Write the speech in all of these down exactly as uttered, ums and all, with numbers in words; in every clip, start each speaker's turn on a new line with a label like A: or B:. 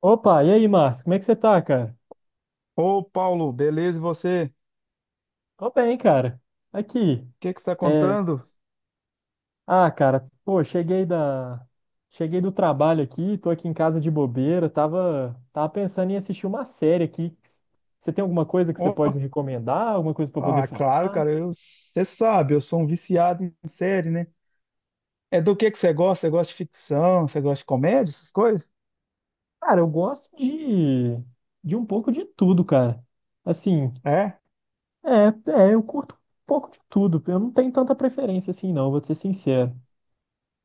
A: Opa, e aí, Márcio? Como é que você tá, cara?
B: Ô, Paulo, beleza? E você? O
A: Tô bem, cara. Aqui.
B: que que você está
A: É...
B: contando?
A: Ah, cara, pô, cheguei da... Cheguei do trabalho aqui, tô aqui em casa de bobeira, tava... tava pensando em assistir uma série aqui. Você tem alguma coisa que você pode
B: Ô,
A: me recomendar? Alguma coisa pra eu poder
B: ah,
A: falar?
B: claro, cara, eu, você sabe, eu sou um viciado em série, né? É do que que você gosta? Você gosta de ficção? Você gosta de comédia, essas coisas?
A: Cara, eu gosto de... de um pouco de tudo, cara. Assim,
B: É?
A: é, é, eu curto um pouco de tudo. Eu não tenho tanta preferência assim, não, vou te ser sincero.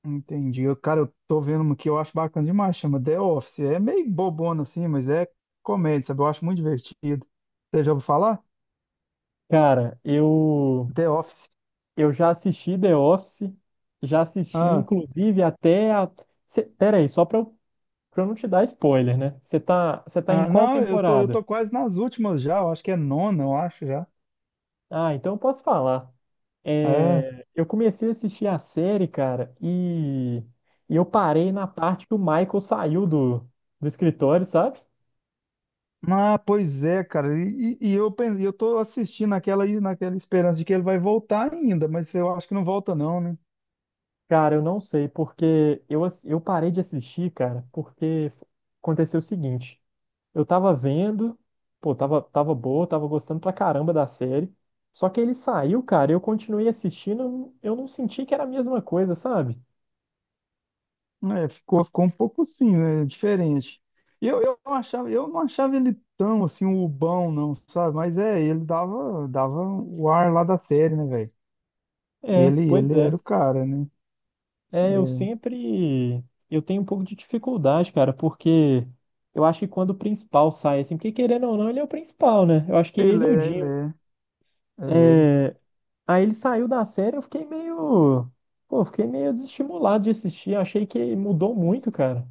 B: Entendi. Eu, cara, eu tô vendo uma que eu acho bacana demais, chama The Office. É meio bobona assim, mas é comédia, sabe? Eu acho muito divertido. Você já ouviu falar?
A: Cara, eu...
B: The Office.
A: Eu já assisti The Office, já assisti,
B: Ah,
A: inclusive, até a. Cê... Pera aí, só pra eu, pra eu não te dar spoiler, né? Você tá... Você tá em
B: ah,
A: qual
B: não, eu tô, eu
A: temporada?
B: tô quase nas últimas já, eu acho que é nona, eu acho já.
A: Ah, então eu posso falar.
B: É.
A: É, eu comecei a assistir a série, cara, e... e eu parei na parte que o Michael saiu do, do escritório, sabe?
B: Ah, pois é, cara. E, e- e eu pen- eu tô assistindo aquela naquela esperança de que ele vai voltar ainda, mas eu acho que não volta não, né?
A: Cara, eu não sei, porque eu, ass- eu parei de assistir, cara, porque aconteceu o seguinte. Eu tava vendo, pô, tava, tava boa, tava gostando pra caramba da série. Só que ele saiu, cara, eu continuei assistindo, eu não senti que era a mesma coisa, sabe?
B: É, ficou, ficou um pouco assim, né? Diferente. Eu, eu não achava, eu não achava ele tão assim bobão, não, sabe? Mas é, ele dava, dava o ar lá da série, né, velho?
A: É,
B: Ele,
A: pois
B: ele
A: é.
B: era o cara, né?
A: É, eu
B: É.
A: sempre. Eu tenho um pouco de dificuldade, cara, porque eu acho que quando o principal sai, assim, porque querendo ou não, ele é o principal, né? Eu acho que
B: Ele
A: ele e o
B: é, ele
A: Jim.
B: é, ele
A: É, aí ele saiu da série, eu fiquei meio. Pô, eu fiquei meio desestimulado de assistir. Achei que mudou muito, cara.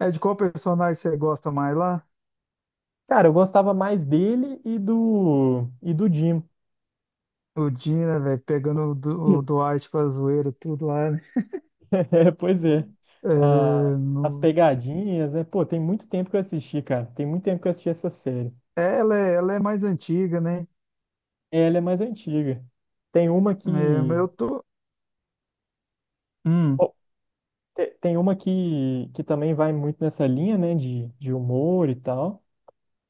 B: é. É de qual personagem você gosta mais lá?
A: Cara, eu gostava mais dele e do e do Jim.
B: O Jim, né, velho? Pegando o, Du- o
A: Hum.
B: Dwight com a zoeira, tudo lá, né?
A: É, pois é.
B: É,
A: Ah, as
B: no-
A: pegadinhas, né? Pô, tem muito tempo que eu assisti, cara. Tem muito tempo que eu assisti essa série.
B: É, ela é, ela é mais antiga, né?
A: Ela é mais antiga. Tem uma que
B: É, mas eu tô. Hum,
A: bom, te- tem uma que, que também vai muito nessa linha, né, de, de humor e tal,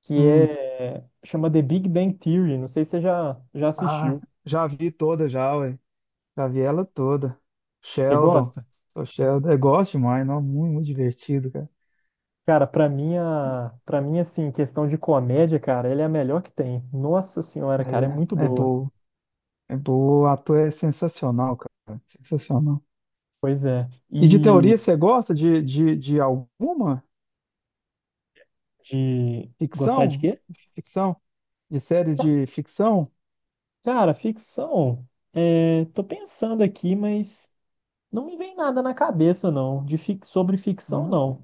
A: que
B: hum.
A: é chama The Big Bang Theory. Não sei se você já já
B: Ah,
A: assistiu.
B: já vi toda já, ué. Já vi ela toda.
A: Você
B: Sheldon.
A: gosta?
B: Sou Sheldon. Eu gosto demais, não? Muito, muito divertido, cara.
A: Cara, pra mim, a... pra mim, assim, questão de comédia, cara, ele é a melhor que tem. Nossa senhora, cara, é muito
B: É, é
A: boa.
B: boa. É boa. O ator é sensacional, cara. Sensacional.
A: Pois é.
B: E de teoria,
A: E
B: você gosta de, de, de alguma
A: de gostar de
B: ficção?
A: quê?
B: Ficção? De séries
A: Ca-
B: de ficção?
A: Cara, ficção. É... Tô pensando aqui, mas não me vem nada na cabeça, não. De fic... Sobre ficção,
B: Não,
A: não.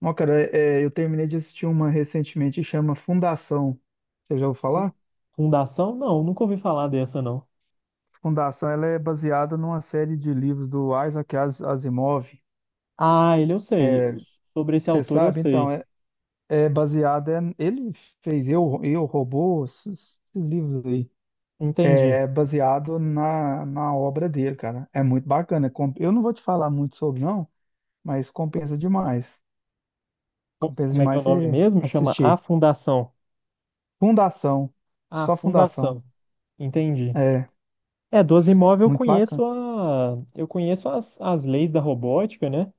B: Não, cara, é, eu terminei de assistir uma recentemente que chama Fundação. Você já ouviu falar?
A: Fundação, não. Nunca ouvi falar dessa, não.
B: Fundação, ela é baseada numa série de livros do Isaac As- Asimov.
A: Ah, ele eu sei. Os- Sobre esse
B: Você
A: autor eu
B: sabe? Então,
A: sei.
B: é, é baseada. é- Ele fez Eu, Eu, Robô, esses, esses livros aí.
A: Entendi.
B: É baseado na, na obra dele, cara. É muito bacana. Com- Eu não vou te falar muito sobre, não, mas compensa demais.
A: Co-
B: Compensa
A: Como é que é o
B: demais
A: nome
B: você
A: mesmo? Chama A
B: assistir.
A: Fundação.
B: Fundação.
A: A
B: Só Fundação.
A: Fundação. Entendi.
B: É,
A: É, doze imóvel. Eu
B: muito bacana.
A: conheço a, eu conheço as, as leis da robótica, né?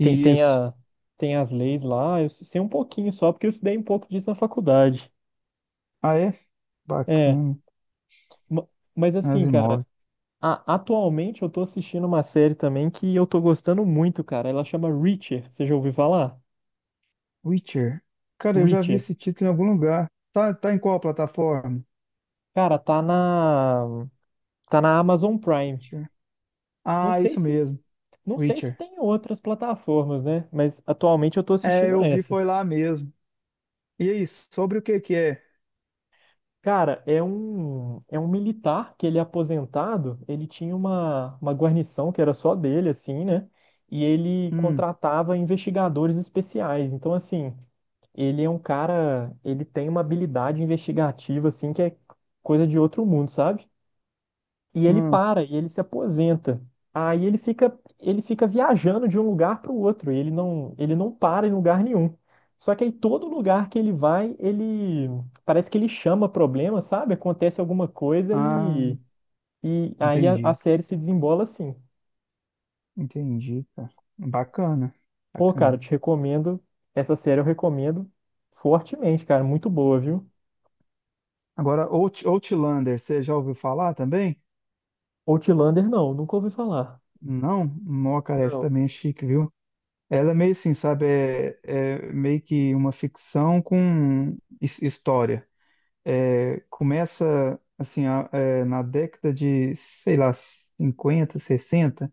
A: Tem, tem,
B: Isso.
A: a, Tem as leis lá, eu sei um pouquinho só, porque eu estudei um pouco disso na faculdade.
B: Ah, é?
A: É,
B: Bacana.
A: ma- mas assim, cara,
B: Asimov.
A: a- atualmente eu tô assistindo uma série também que eu tô gostando muito, cara. Ela chama Reacher, você já ouviu falar?
B: Witcher. Cara, eu já vi
A: Reacher.
B: esse título em algum lugar. Tá, tá em qual plataforma?
A: Cara, tá na, tá na Amazon Prime.
B: Witcher.
A: Não
B: Ah,
A: sei
B: isso
A: se,
B: mesmo.
A: não sei se
B: Witcher.
A: tem outras plataformas, né? Mas atualmente eu tô
B: É,
A: assistindo
B: eu vi,
A: essa.
B: foi lá mesmo. E aí, sobre o que que é?
A: Cara, é um, é um militar que ele é aposentado, ele tinha uma, uma guarnição que era só dele, assim, né? E ele
B: Hum,
A: contratava investigadores especiais. Então, assim, ele é um cara, ele tem uma habilidade investigativa, assim, que é coisa de outro mundo, sabe? E ele
B: hum.
A: para, e ele se aposenta. Aí ele fica, ele fica viajando de um lugar para o outro. Ele não, ele não para em lugar nenhum. Só que aí todo lugar que ele vai, ele parece que ele chama problema, sabe? Acontece alguma coisa
B: Ah,
A: e, e aí a, a
B: entendi.
A: série se desembola assim.
B: Entendi, cara. Bacana.
A: Pô, cara, eu
B: Bacana.
A: te recomendo. Essa série eu recomendo fortemente, cara. Muito boa, viu?
B: Agora, Out, Outlander, você já ouviu falar também?
A: Outlander, não, nunca ouvi falar.
B: Não? Mó, cara, essa
A: Não,
B: também é chique, viu? Ela é meio assim, sabe? É, é meio que uma ficção com his- história. É, começa assim a- é, na década de, sei lá, cinquenta sessenta,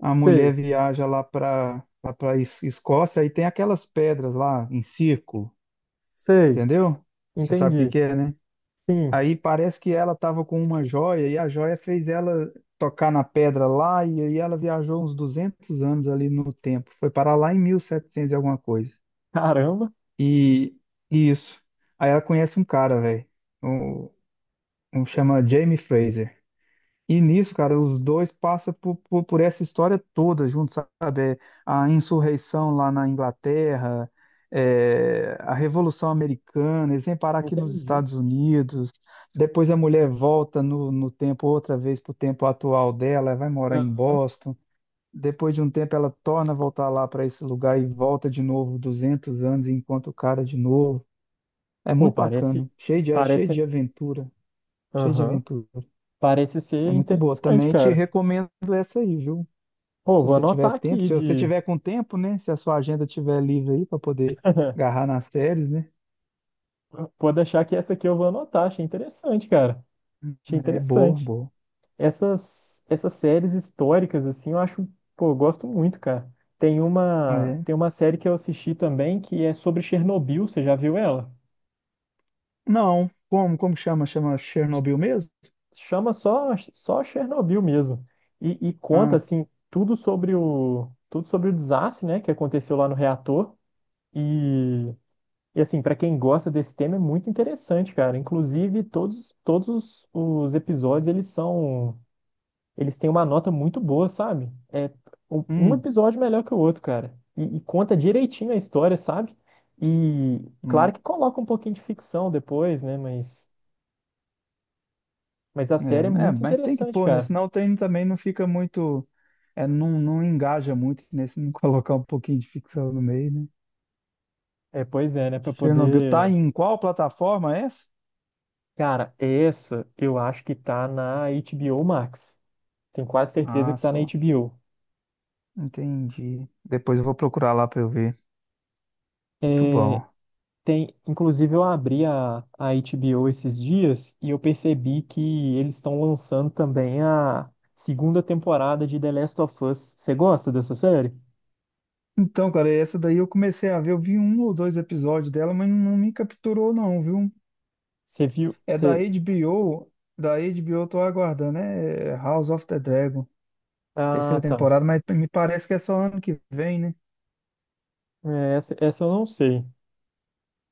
B: a mulher
A: sei,
B: viaja lá para lá para Escócia e tem aquelas pedras lá em círculo,
A: sei,
B: entendeu? Você sabe o que
A: entendi.
B: que é, né?
A: Sim,
B: Aí parece que ela estava com uma joia e a joia fez ela tocar na pedra lá e aí ela viajou uns duzentos anos ali no tempo. Foi parar lá em mil e setecentos e setecentos e alguma coisa.
A: caramba,
B: E e isso. Aí ela conhece um cara, velho. Um, um chama Jamie Fraser. E nisso, cara, os dois passam por, por, por essa história toda junto, sabe? É, a insurreição lá na Inglaterra, é, a Revolução Americana, eles vêm parar aqui nos
A: entendi.
B: Estados Unidos, depois a mulher volta no, no tempo outra vez para o tempo atual dela, vai morar em
A: Aham.
B: Boston, depois de um tempo ela torna a voltar lá para esse lugar e volta de novo duzentos anos e encontra o cara de novo. É
A: Pô,
B: muito
A: parece,
B: bacana, cheio de, cheio
A: parece,
B: de aventura, cheio de
A: aham,
B: aventura.
A: parece
B: É
A: ser
B: muito boa.
A: interessante,
B: Também te
A: cara.
B: recomendo essa aí, viu?
A: Pô,
B: Se
A: vou
B: você tiver
A: anotar
B: tempo,
A: aqui
B: se você
A: de,
B: tiver com tempo, né? Se a sua agenda tiver livre aí para poder agarrar nas séries, né?
A: pode deixar que essa aqui eu vou anotar, achei interessante, cara. Achei
B: É boa,
A: interessante.
B: boa.
A: Essas, essas séries históricas, assim, eu acho, pô, eu gosto muito, cara. Tem uma,
B: É.
A: tem uma série que eu assisti também que é sobre Chernobyl, você já viu ela?
B: Não, como, como chama? Chama Chernobyl mesmo?
A: Chama só, só Chernobyl mesmo. E, e conta,
B: Ah,
A: assim, tudo sobre o, tudo sobre o desastre, né, que aconteceu lá no reator. E e assim, pra quem gosta desse tema é muito interessante, cara. Inclusive, todos, todos os, os episódios, eles são, eles têm uma nota muito boa, sabe? É um, um
B: hum,
A: episódio melhor que o outro, cara. E, e conta direitinho a história, sabe? E
B: não.
A: claro que coloca um pouquinho de ficção depois, né? Mas, mas a série é
B: É, é,
A: muito
B: mas tem que
A: interessante,
B: pôr, né?
A: cara.
B: Senão tem, também não fica muito, é, não, não engaja muito, né? Se não colocar um pouquinho de ficção no meio, né?
A: É, pois é, né? Pra
B: Chernobyl tá
A: poder.
B: em qual plataforma essa?
A: Cara, essa eu acho que tá na H B O Max. Tenho quase certeza
B: Ah,
A: que tá na
B: só.
A: H B O.
B: Entendi. Depois eu vou procurar lá para eu ver. Muito
A: É,
B: bom.
A: tem, inclusive eu abri a, a H B O esses dias e eu percebi que eles estão lançando também a segunda temporada de The Last of Us. Você gosta dessa série?
B: Então, cara, essa daí eu comecei a ver, eu vi um ou dois episódios dela, mas não me capturou não, viu?
A: Você viu?
B: É
A: Você...
B: da HBO, da H B O eu tô aguardando, né? É House of the Dragon,
A: Ah,
B: terceira
A: tá.
B: temporada, mas me parece que é só ano que vem, né?
A: É, essa, essa eu não sei.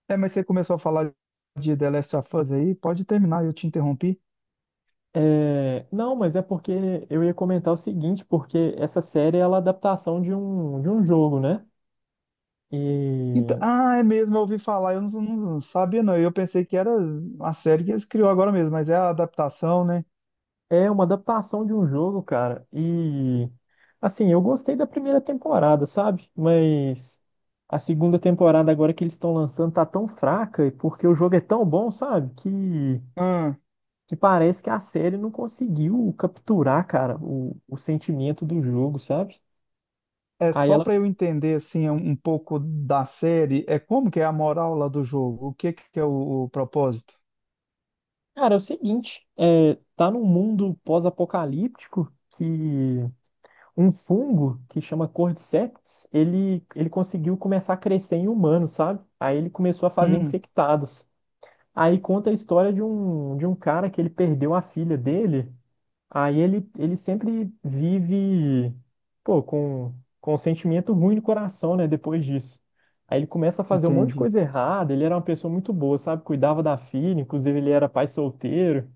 B: É, mas você começou a falar de The Last of Us aí, pode terminar, eu te interrompi.
A: É, não, mas é porque eu ia comentar o seguinte, porque essa série ela é a adaptação de um, de um jogo, né?
B: Então,
A: E
B: ah, é mesmo, eu ouvi falar, eu não, não- não sabia não, eu pensei que era uma série que eles criou agora mesmo, mas é a adaptação, né?
A: é uma adaptação de um jogo, cara. E assim, eu gostei da primeira temporada, sabe? Mas a segunda temporada agora que eles estão lançando tá tão fraca e porque o jogo é tão bom, sabe? Que que parece que a série não conseguiu capturar, cara, o, o sentimento do jogo, sabe?
B: É
A: Aí
B: só
A: ela
B: para eu
A: ficou,
B: entender assim um um pouco da série, é como que é a moral lá do jogo? O que que é o, o propósito?
A: cara, é o seguinte, é, tá num mundo pós-apocalíptico que um fungo que chama Cordyceps, ele, ele conseguiu começar a crescer em humanos, sabe? Aí ele começou a fazer
B: Hum,
A: infectados. Aí conta a história de um, de um cara que ele perdeu a filha dele. Aí ele, ele sempre vive, pô, com, com um sentimento ruim no coração, né, depois disso. Aí ele começa a fazer um monte de
B: entendi.
A: coisa errada, ele era uma pessoa muito boa, sabe? Cuidava da filha, inclusive ele era pai solteiro.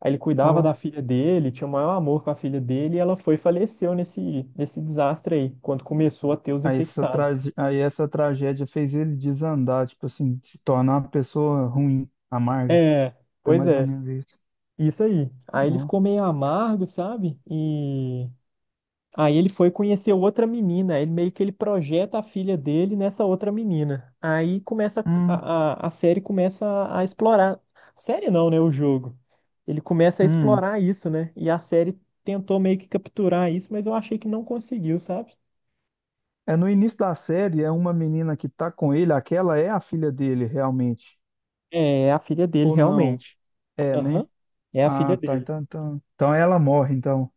A: Aí ele cuidava da
B: Ó,
A: filha dele, tinha o maior amor com a filha dele, e ela foi e faleceu nesse, nesse desastre aí, quando começou a ter os
B: aí essa
A: infectados.
B: trage... aí essa tragédia fez ele desandar, tipo assim, se tornar uma pessoa ruim, amarga.
A: É,
B: Foi
A: pois
B: mais ou
A: é,
B: menos isso.
A: isso aí. Aí ele
B: Ó.
A: ficou meio amargo, sabe? E aí ele foi conhecer outra menina, ele meio que ele projeta a filha dele nessa outra menina. Aí começa
B: Hum,
A: a, a, a série começa a, a explorar. Série não, né? O jogo. Ele começa a
B: hum.
A: explorar isso, né? E a série tentou meio que capturar isso, mas eu achei que não conseguiu, sabe?
B: É no início da série, é uma menina que tá com ele, aquela é a filha dele realmente.
A: É, é a filha dele,
B: Ou não?
A: realmente.
B: É,
A: Aham.
B: né?
A: É a filha
B: Ah, tá,
A: dele.
B: então, então, então ela morre, então.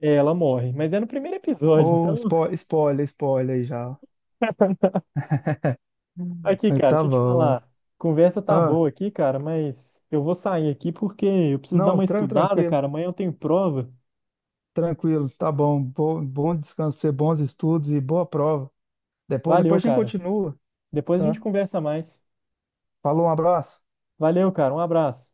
A: É, ela morre. Mas é no primeiro episódio,
B: Ou Oh,
A: então.
B: spoiler, spoiler aí já.
A: Aqui,
B: Aí
A: cara,
B: tá
A: deixa eu te
B: bom.
A: falar. Conversa tá
B: Ah,
A: boa aqui, cara, mas eu vou sair aqui porque eu preciso dar
B: não,
A: uma
B: tran
A: estudada,
B: tranquilo,
A: cara. Amanhã eu tenho prova.
B: tranquilo, tá bom. Bom, bom descanso pra você, bons estudos e boa prova. Depois,
A: Valeu,
B: depois a gente
A: cara.
B: continua,
A: Depois a gente
B: tá?
A: conversa mais.
B: Falou, um abraço.
A: Valeu, cara. Um abraço.